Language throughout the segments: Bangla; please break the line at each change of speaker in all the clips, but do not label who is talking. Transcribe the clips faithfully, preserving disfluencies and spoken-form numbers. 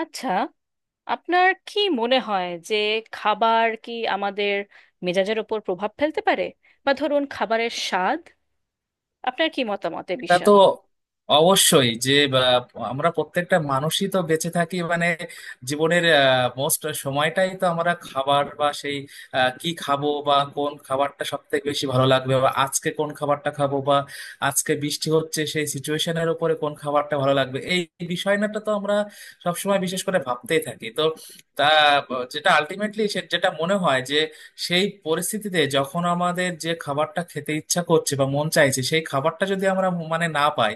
আচ্ছা, আপনার কি মনে হয় যে খাবার কি আমাদের মেজাজের ওপর প্রভাব ফেলতে পারে? বা ধরুন খাবারের স্বাদ। আপনার কি মতামত এ
এটা তো
বিষয়ে?
অবশ্যই যে বা, আমরা প্রত্যেকটা মানুষই তো বেঁচে থাকি মানে জীবনের মোস্ট সময়টাই তো আমরা খাবার বা সেই আহ, কি খাবো বা কোন খাবারটা সব থেকে বেশি ভালো লাগবে বা আজকে কোন খাবারটা খাবো বা আজকে বৃষ্টি হচ্ছে সেই সিচুয়েশনের উপরে কোন খাবারটা ভালো লাগবে এই বিষয়টা তো আমরা সবসময় বিশেষ করে ভাবতেই থাকি। তো তা আহ, যেটা আলটিমেটলি যেটা মনে হয় যে সেই পরিস্থিতিতে যখন আমাদের যে খাবারটা খেতে ইচ্ছা করছে বা মন চাইছে সেই খাবারটা যদি আমরা মানে না পাই,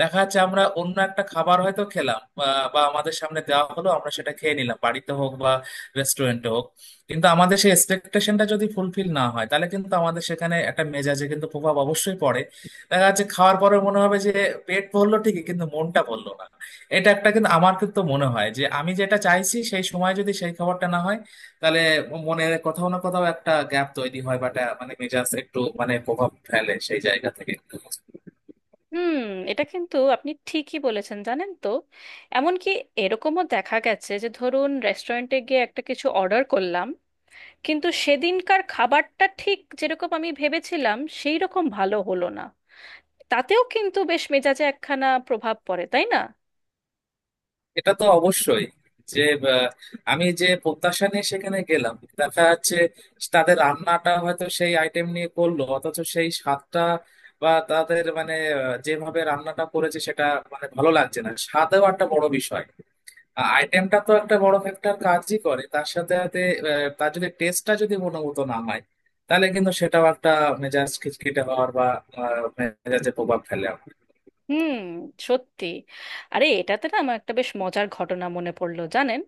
দেখা যাচ্ছে আমরা অন্য একটা খাবার হয়তো খেলাম বা বা আমাদের সামনে দেওয়া হলো আমরা সেটা খেয়ে নিলাম বাড়িতে হোক বা রেস্টুরেন্টে হোক, কিন্তু আমাদের সেই এক্সপেকটেশনটা যদি ফুলফিল না হয় তাহলে কিন্তু আমাদের সেখানে একটা মেজাজে কিন্তু প্রভাব অবশ্যই পড়ে। দেখা যাচ্ছে খাওয়ার পরে মনে হবে যে পেট ভরলো ঠিকই কিন্তু মনটা ভরলো না। এটা একটা কিন্তু আমার কিন্তু মনে হয় যে আমি যেটা চাইছি সেই সময় যদি সেই খাবারটা না হয় তাহলে মনের কোথাও না কোথাও একটা গ্যাপ তৈরি হয় বা একটা- মানে মেজাজ একটু মানে প্রভাব ফেলে সেই জায়গা থেকে।
হুম। এটা কিন্তু আপনি ঠিকই বলেছেন, জানেন তো। এমনকি এরকমও দেখা গেছে যে ধরুন রেস্টুরেন্টে গিয়ে একটা কিছু অর্ডার করলাম, কিন্তু সেদিনকার খাবারটা ঠিক যেরকম আমি ভেবেছিলাম সেই রকম ভালো হলো না। তাতেও কিন্তু বেশ মেজাজে একখানা প্রভাব পড়ে, তাই না?
এটা তো অবশ্যই যে আহ, আমি যে প্রত্যাশা নিয়ে সেখানে গেলাম দেখা যাচ্ছে তাদের রান্নাটা হয়তো সেই আইটেম নিয়ে করলো অথচ সেই স্বাদটা বা তাদের মানে আহ, যেভাবে রান্নাটা করেছে সেটা মানে ভালো লাগছে না, স্বাদও একটা বড় বিষয়। আইটেমটা তো একটা বড় ফ্যাক্টর কাজই করে, তার সাথে সাথে আহ, তার যদি টেস্টটা যদি গুণগত না হয় তাহলে কিন্তু সেটাও একটা মেজাজ খিটখিটে হওয়ার বা আহ, মেজাজে প্রভাব ফেলে আমার।
হুম। সত্যি। আরে এটাতে না আমার একটা বেশ মজার ঘটনা মনে পড়লো, জানেন।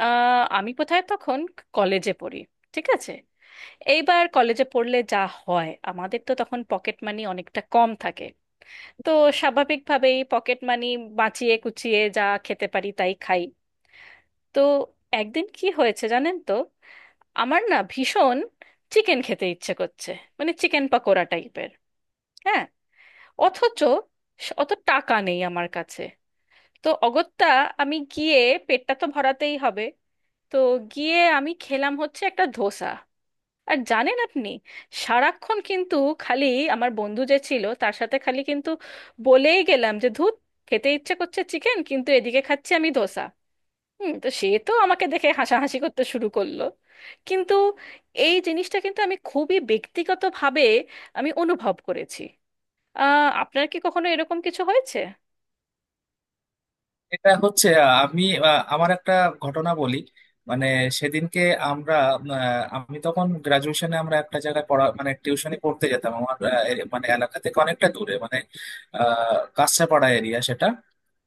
আহ, আমি কোথায় তখন, কলেজে পড়ি। ঠিক আছে। এইবার কলেজে পড়লে যা হয়, আমাদের তো তখন পকেট মানি অনেকটা কম থাকে। তো স্বাভাবিকভাবেই পকেট মানি বাঁচিয়ে কুচিয়ে যা খেতে পারি তাই খাই। তো একদিন কি হয়েছে জানেন তো, আমার না ভীষণ চিকেন খেতে ইচ্ছে করছে, মানে চিকেন পাকোড়া টাইপের। হ্যাঁ, অথচ অত টাকা নেই আমার কাছে। তো অগত্যা আমি গিয়ে, পেটটা তো ভরাতেই হবে, তো গিয়ে আমি খেলাম হচ্ছে একটা ধোসা। আর জানেন আপনি, সারাক্ষণ কিন্তু খালি আমার বন্ধু যে ছিল তার সাথে খালি কিন্তু বলেই গেলাম যে, ধুত, খেতে ইচ্ছে করছে চিকেন কিন্তু এদিকে খাচ্ছি আমি ধোসা। হুম। তো সে তো আমাকে দেখে হাসাহাসি করতে শুরু করলো। কিন্তু এই জিনিসটা কিন্তু আমি খুবই ব্যক্তিগতভাবে, আমি অনুভব করেছি। আহ আপনার কি কখনো এরকম কিছু হয়েছে?
এটা হচ্ছে আহ, আমি আহ, আমার একটা ঘটনা বলি। মানে সেদিনকে আমরা আহ, আমি তখন গ্রাজুয়েশনে, আমরা একটা জায়গায় পড়া মানে টিউশনি পড়তে যেতাম আমার আহ, এ- মানে এলাকা থেকে অনেকটা দূরে মানে আহ কাছড়াপাড়া এরিয়া সেটা।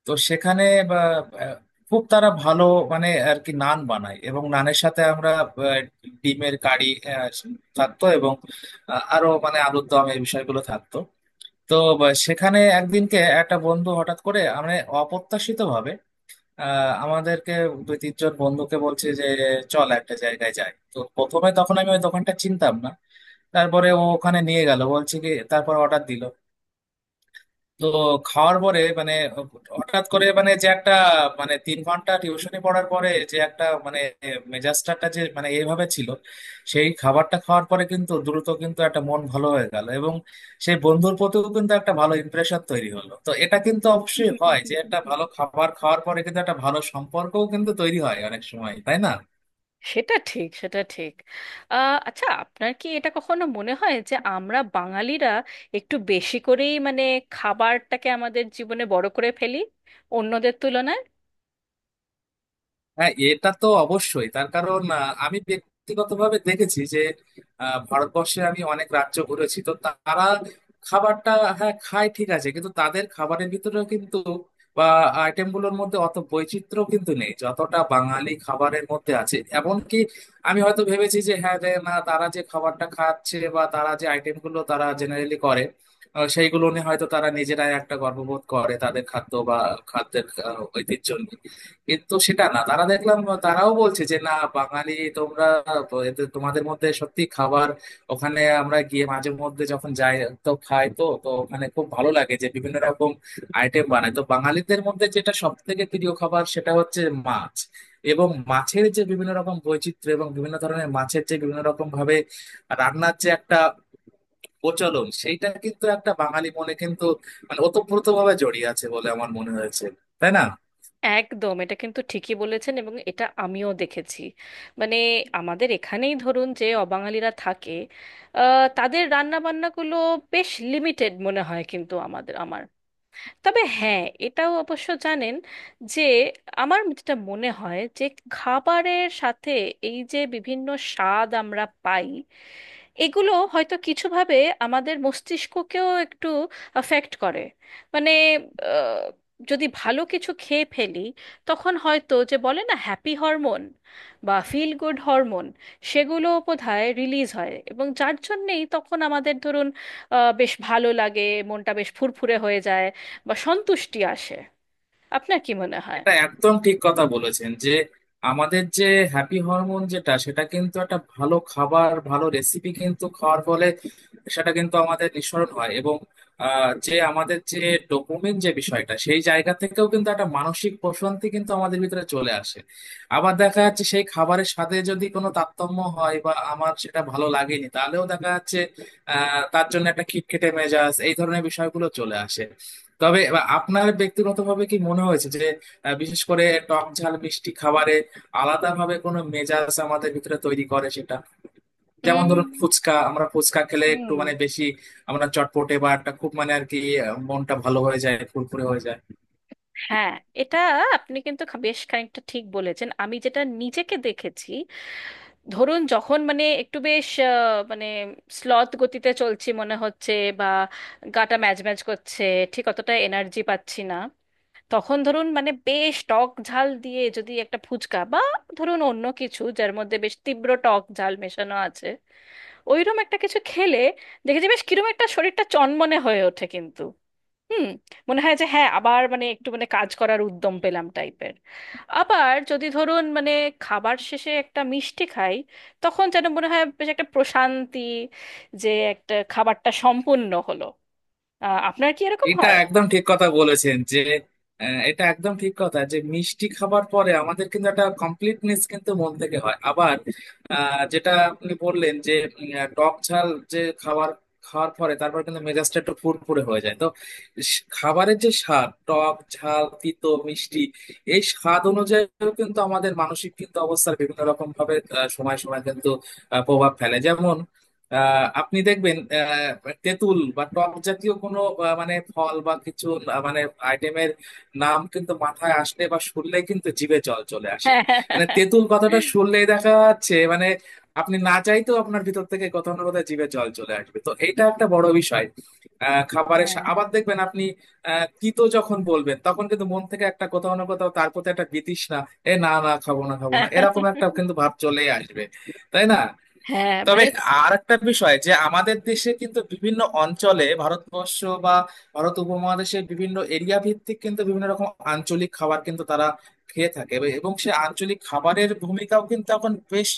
তো সেখানে বা, আহ, খুব তারা ভালো মানে আর কি নান বানায় এবং নানের সাথে আমরা আহ, ডিমের কারি আহ, থাকতো এবং আহ, আরো মানে আলুর দম এই বিষয়গুলো থাকতো। তো বা, সেখানে একদিনকে একটা বন্ধু হঠাৎ করে আমরা অপ্রত্যাশিত ভাবে আহ, আমাদেরকে দুই তিনজন বন্ধুকে বলছে যে চল একটা জায়গায় যাই। তো প্রথমে তখন আমি ওই দোকানটা চিনতাম না, তারপরে ও ওখানে নিয়ে গেল বলছে কি তারপর অর্ডার দিল। তো খাওয়ার পরে মানে হঠাৎ করে মানে যে একটা মানে তিন ঘন্টা টিউশনি পড়ার পরে যে একটা মানে মেজাজটা যে মানে এইভাবে ছিল, সেই খাবারটা খাওয়ার পরে কিন্তু দ্রুত কিন্তু একটা মন ভালো হয়ে গেল এবং সেই বন্ধুর প্রতিও কিন্তু একটা ভালো ইমপ্রেশন তৈরি হলো। তো এটা কিন্তু অবশ্যই হয় যে একটা ভালো খাবার খাওয়ার পরে কিন্তু একটা ভালো সম্পর্কও কিন্তু তৈরি হয় অনেক সময়, তাই না?
সেটা ঠিক, সেটা ঠিক। আহ, আচ্ছা, আপনার কি এটা কখনো মনে হয় যে আমরা বাঙালিরা একটু বেশি করেই, মানে খাবারটাকে আমাদের জীবনে বড় করে ফেলি অন্যদের তুলনায়?
হ্যাঁ, এটা তো অবশ্যই, তার কারণ আহ, আমি ব্যক্তিগতভাবে দেখেছি যে আহ, ভারতবর্ষে আমি অনেক রাজ্য ঘুরেছি, তো তারা খাবারটা হ্যাঁ খায় ঠিক আছে, কিন্তু তাদের খাবারের ভিতরেও কিন্তু বা আইটেম গুলোর মধ্যে অত বৈচিত্র্য কিন্তু নেই যতটা বাঙালি খাবারের মধ্যে আছে। এমনকি আমি হয়তো ভেবেছি যে হ্যাঁ রে না, তারা যে খাবারটা খাচ্ছে বা তারা যে আইটেম গুলো তারা জেনারেলি করে আহ, সেইগুলো নিয়ে হয়তো তারা নিজেরাই একটা গর্ববোধ করে তাদের খাদ্য বা খাদ্যের আহ, ঐতিহ্য নিয়ে, কিন্তু সেটা না তারা দেখলাম তারাও বলছে যে না বাঙালি তোমরা এদের- তোমাদের মধ্যে সত্যি খাবার। ওখানে আমরা গিয়ে মাঝে মধ্যে যখন যাই তো খাই তো, তো ওখানে খুব ভালো লাগে যে বিভিন্ন রকম আইটেম বানায়। তো বাঙালিদের মধ্যে যেটা সব থেকে প্রিয় খাবার সেটা হচ্ছে মাছ, এবং মাছের যে বিভিন্ন রকম বৈচিত্র্য এবং বিভিন্ন ধরনের মাছের যে বিভিন্ন রকম ভাবে রান্নার যে একটা প্রচলন সেইটা কিন্তু একটা বাঙালি মনে কিন্তু মানে ওতপ্রোত ভাবে জড়িয়ে আছে বলে আমার মনে হয়েছে, তাই না?
একদম। এটা কিন্তু ঠিকই বলেছেন, এবং এটা আমিও দেখেছি। মানে আমাদের এখানেই ধরুন যে অবাঙালিরা থাকে, আহ, তাদের রান্নাবান্নাগুলো বেশ লিমিটেড মনে হয় কিন্তু, আমাদের, আমার। তবে হ্যাঁ, এটাও অবশ্য জানেন, যে আমার যেটা মনে হয় যে খাবারের সাথে এই যে বিভিন্ন স্বাদ আমরা পাই, এগুলো হয়তো কিছুভাবে আমাদের মস্তিষ্ককেও একটু অ্যাফেক্ট করে। মানে আহ, যদি ভালো কিছু খেয়ে ফেলি, তখন হয়তো যে বলে না, হ্যাপি হরমোন বা ফিল গুড হরমোন, সেগুলো বোধহয় রিলিজ হয়, এবং যার জন্যেই তখন আমাদের ধরুন আহ, বেশ ভালো লাগে, মনটা বেশ ফুরফুরে হয়ে যায়, বা সন্তুষ্টি আসে। আপনার কি মনে হয়?
এটা একদম ঠিক কথা বলেছেন যে আমাদের যে হ্যাপি হরমোন যেটা, সেটা কিন্তু একটা ভালো খাবার ভালো রেসিপি কিন্তু খাওয়ার ফলে সেটা কিন্তু আমাদের নিঃসরণ হয় এবং আহ, যে আমাদের যে ডোপামিন যে বিষয়টা সেই জায়গা থেকেও কিন্তু একটা মানসিক প্রশান্তি কিন্তু আমাদের ভিতরে চলে আসে। আবার দেখা যাচ্ছে সেই খাবারের সাথে যদি কোনো তারতম্য হয় বা আমার সেটা ভালো লাগেনি তাহলেও দেখা যাচ্ছে আহ তার জন্য একটা খিটখিটে মেজাজ এই ধরনের বিষয়গুলো চলে আসে। তবে এবার আপনার ব্যক্তিগতভাবে কি মনে হয়েছে যে আহ, বিশেষ করে টক ঝাল মিষ্টি খাবারে আলাদাভাবে কোনো মেজাজ আমাদের ভিতরে তৈরি করে সেটা? যেমন ধরুন
উম।
ফুচকা, আমরা ফুচকা খেলে একটু
হুম।
মানে বেশি আমরা চটপটে বা একটা খুব মানে আর কি আহ, মনটা ভালো হয়ে যায়, ফুরফুরে হয়ে যায়।
হ্যাঁ, এটা আপনি কিন্তু খা- বেশ খানিকটা ঠিক বলেছেন। আমি যেটা নিজেকে দেখেছি, ধরুন যখন মানে একটু বেশ, আহ, মানে স্লথ গতিতে চলছি মনে হচ্ছে, বা গাটা ম্যাজ ম্যাজ করছে, ঠিক অতটা এনার্জি পাচ্ছি না, তখন ধরুন মানে বেশ টক ঝাল দিয়ে যদি একটা ফুচকা, বা ধরুন অন্য কিছু যার মধ্যে বেশ তীব্র টক ঝাল মেশানো আছে, ওইরকম একটা কিছু খেলে দেখেছি বেশ কিরম একটা শরীরটা চনমনে হয়ে ওঠে কিন্তু। হুম। মনে হয় যে হ্যাঁ আবার মানে একটু মানে কাজ করার উদ্যম পেলাম টাইপের। আবার যদি ধরুন মানে খাবার শেষে একটা মিষ্টি খাই, তখন যেন মনে হয় বেশ একটা প্রশান্তি, যে একটা খাবারটা সম্পূর্ণ হলো। আহ, আপনার কি এরকম
এটা
হয়?
একদম ঠিক কথা বলেছেন যে আহ, এটা একদম ঠিক কথা যে মিষ্টি খাবার পরে আমাদের কিন্তু একটা কমপ্লিটনেস কিন্তু মন থেকে হয়। আবার আহ, যেটা আপনি বললেন যে উম, আহ, টক ঝাল যে খাবার খাওয়ার পরে তারপর কিন্তু মেজাজটা একটু ফুরফুরে হয়ে যায়। তো স- খাবারের যে স্বাদ টক ঝাল তিতো মিষ্টি, এই স্বাদ অনুযায়ীও কিন্তু আমাদের মানসিক কিন্তু অবস্থার বিভিন্ন রকম ভাবে আহ, সময় সময় কিন্তু আহ, প্রভাব ফেলে। যেমন আহ আপনি দেখবেন আহ, তেঁতুল বা টক জাতীয় কোনো আহ, মানে ফল বা কিছু আহ, মানে আইটেমের নাম কিন্তু মাথায় আসলে বা শুনলে কিন্তু জিভে জল চলে আসে। মানে তেঁতুল কথাটা শুনলেই দেখা যাচ্ছে মানে আপনি না চাইতেও আপনার ভিতর থেকে কোথাও না কোথাও জিভে জল চলে আসবে, তো এটা একটা বড় বিষয়। আহ খাবারের
হ্যাঁ,
সা-
হ্যাঁ,
আবার দেখবেন আপনি আহ তিতো যখন বলবেন তখন কিন্তু মন থেকে একটা কোথাও না কোথাও তার প্রতি একটা বিতৃষ্ণা এ না না খাবো না খাবো না এরকম একটা কিন্তু ভাব চলেই আসবে, তাই না?
হ্যাঁ।
তবে
মানে
আর একটা বিষয় যে আমাদের দেশে কিন্তু বিভিন্ন অঞ্চলে ভারতবর্ষ বা ভারত উপমহাদেশের বিভিন্ন এরিয়া ভিত্তিক কিন্তু বিভিন্ন রকম আঞ্চলিক খাবার কিন্তু তারা খেয়ে থাকে এব- এবং সেই আঞ্চলিক খাবারের ভূমিকাও কিন্তু এখন বেশ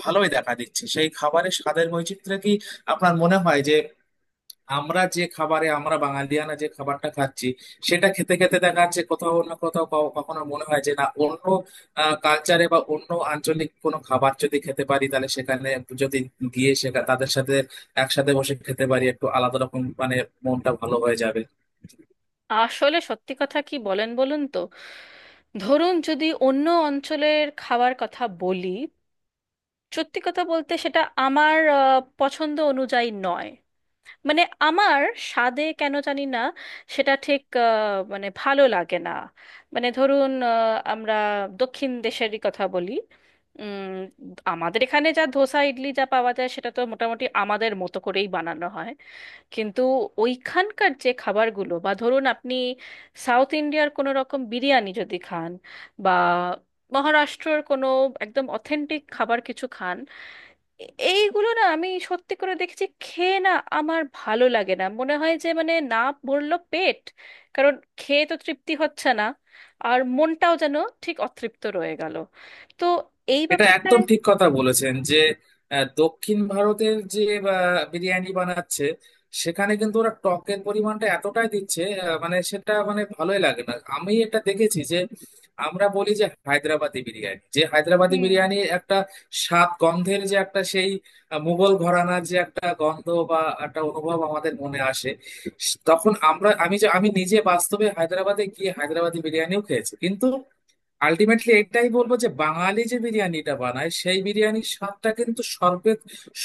ভালোই দেখা দিচ্ছে। সেই খাবারের স্বাদের বৈচিত্র্য কি আপনার মনে হয় যে আমরা যে খাবারে আমরা বাঙালিয়ানা যে খাবারটা খাচ্ছি সেটা খেতে খেতে দেখা যাচ্ছে কোথাও না কোথাও ক- কখনো মনে হয় যে না অন্য কালচারে বা অন্য আঞ্চলিক কোনো খাবার যদি খেতে পারি তাহলে সেখানে যদি গিয়ে সেখানে তাদের সাথে একসাথে বসে খেতে পারি একটু আলাদা রকম মানে মনটা ভালো হয়ে যাবে।
আসলে, সত্যি কথা কি, বলেন বলুন তো, ধরুন যদি অন্য অঞ্চলের খাবার কথা বলি, সত্যি কথা বলতে সেটা আমার আহ, পছন্দ অনুযায়ী নয়। মানে আমার স্বাদে কেন জানি না সেটা ঠিক আহ, মানে ভালো লাগে না। মানে ধরুন আহ, আমরা দক্ষিণ দেশেরই কথা বলি। উম, আমাদের এখানে যা ধোসা ইডলি যা পাওয়া যায় সেটা তো মোটামুটি আমাদের মতো করেই বানানো হয়। কিন্তু ওইখানকার যে খাবারগুলো, বা ধরুন আপনি সাউথ ইন্ডিয়ার কোনো রকম বিরিয়ানি যদি খান, বা মহারাষ্ট্রর কোনো একদম অথেন্টিক খাবার কিছু খান, এ- এইগুলো না আমি সত্যি করে দেখেছি খেয়ে না, আমার ভালো লাগে না। মনে হয় যে মানে না, ভরলো পেট, কারণ খেয়ে তো তৃপ্তি হচ্ছে না, আর মনটাও যেন ঠিক অতৃপ্ত রয়ে গেল। তো এই
এটা
ব্যাপারটায়।
একদম ঠিক কথা বলেছেন যে আহ, দক্ষিণ ভারতের যে আহ, বিরিয়ানি বানাচ্ছে সেখানে কিন্তু ওরা টকের পরিমাণটা এতটাই দিচ্ছে আহ, মানে সেটা মানে ভালোই লাগে না, আমি এটা দেখেছি যে আমরা বলি যে হায়দ্রাবাদি বিরিয়ানি, যে হায়দ্রাবাদি
হুম, হুম।
বিরিয়ানি একটা স্বাদ গন্ধের যে একটা সেই আহ, মুঘল ঘরানার যে একটা গন্ধ বা একটা অনুভব আমাদের মনে আসে। তখন আমরা আমি যে আমি নিজে বাস্তবে হায়দ্রাবাদে গিয়ে হায়দ্রাবাদি বিরিয়ানিও খেয়েছি, কিন্তু আলটিমেটলি এটাই বলবো যে বাঙালি যে বিরিয়ানিটা বানায় সেই বিরিয়ানির স্বাদটা কিন্তু সর্বে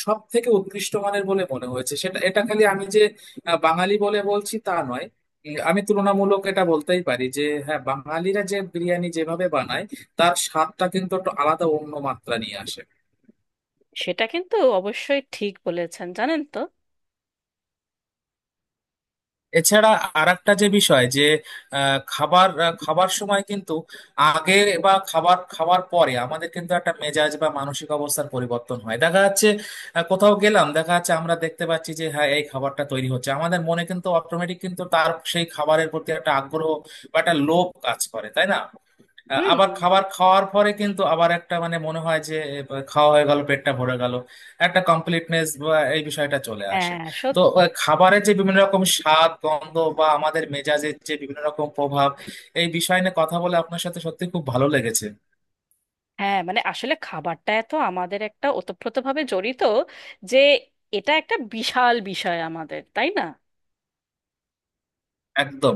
সব থেকে উৎকৃষ্ট মানের বলে মনে হয়েছে সেটা। এটা খালি আমি যে আহ, বাঙালি বলে বলছি তা নয়, উম, আমি তুলনামূলক এটা বলতেই পারি যে হ্যাঁ বাঙালিরা যে বিরিয়ানি যেভাবে বানায় তার স্বাদটা কিন্তু একটু আলাদা অন্য মাত্রা নিয়ে আসে।
সেটা কিন্তু অবশ্যই ঠিক বলেছেন, জানেন তো।
এছাড়া আরেকটা যে বিষয় যে আহ, খাবার আহ, খাবার সময় কিন্তু আগে বা খাবার খাওয়ার পরে আমাদের কিন্তু একটা মেজাজ বা মানসিক অবস্থার পরিবর্তন হয় দেখা যাচ্ছে। আহ, কোথাও গেলাম দেখা যাচ্ছে আমরা দেখতে পাচ্ছি যে হ্যাঁ এই খাবারটা তৈরি হচ্ছে, আমাদের মনে কিন্তু অটোমেটিক কিন্তু তার সেই খাবারের প্রতি একটা আগ্রহ বা একটা লোভ কাজ করে, তাই না? আহ,
হুম।
আবার খাবার খাওয়ার পরে কিন্তু আবার একটা মানে মনে হয় যে এ, খাওয়া হয়ে গেল পেটটা ভরে গেল, একটা কমপ্লিটনেস বা এই বিষয়টা চলে আসে।
হ্যাঁ,
তো
সত্যি।
আহ, খাবারের যে বিভিন্ন রকম স্বাদ গন্ধ বা আমাদের মেজাজের যে বিভিন্ন রকম প্রভাব, এই বিষয় নিয়ে কথা বলে আপনার সাথে সত্যি খুব ভালো লেগেছে।
হ্যাঁ, মানে আসলে খাবারটা এত আমাদের একটা ওতপ্রোতভাবে জড়িত, যে এটা একটা বিশাল বিষয় আমাদের, তাই না?
একদম।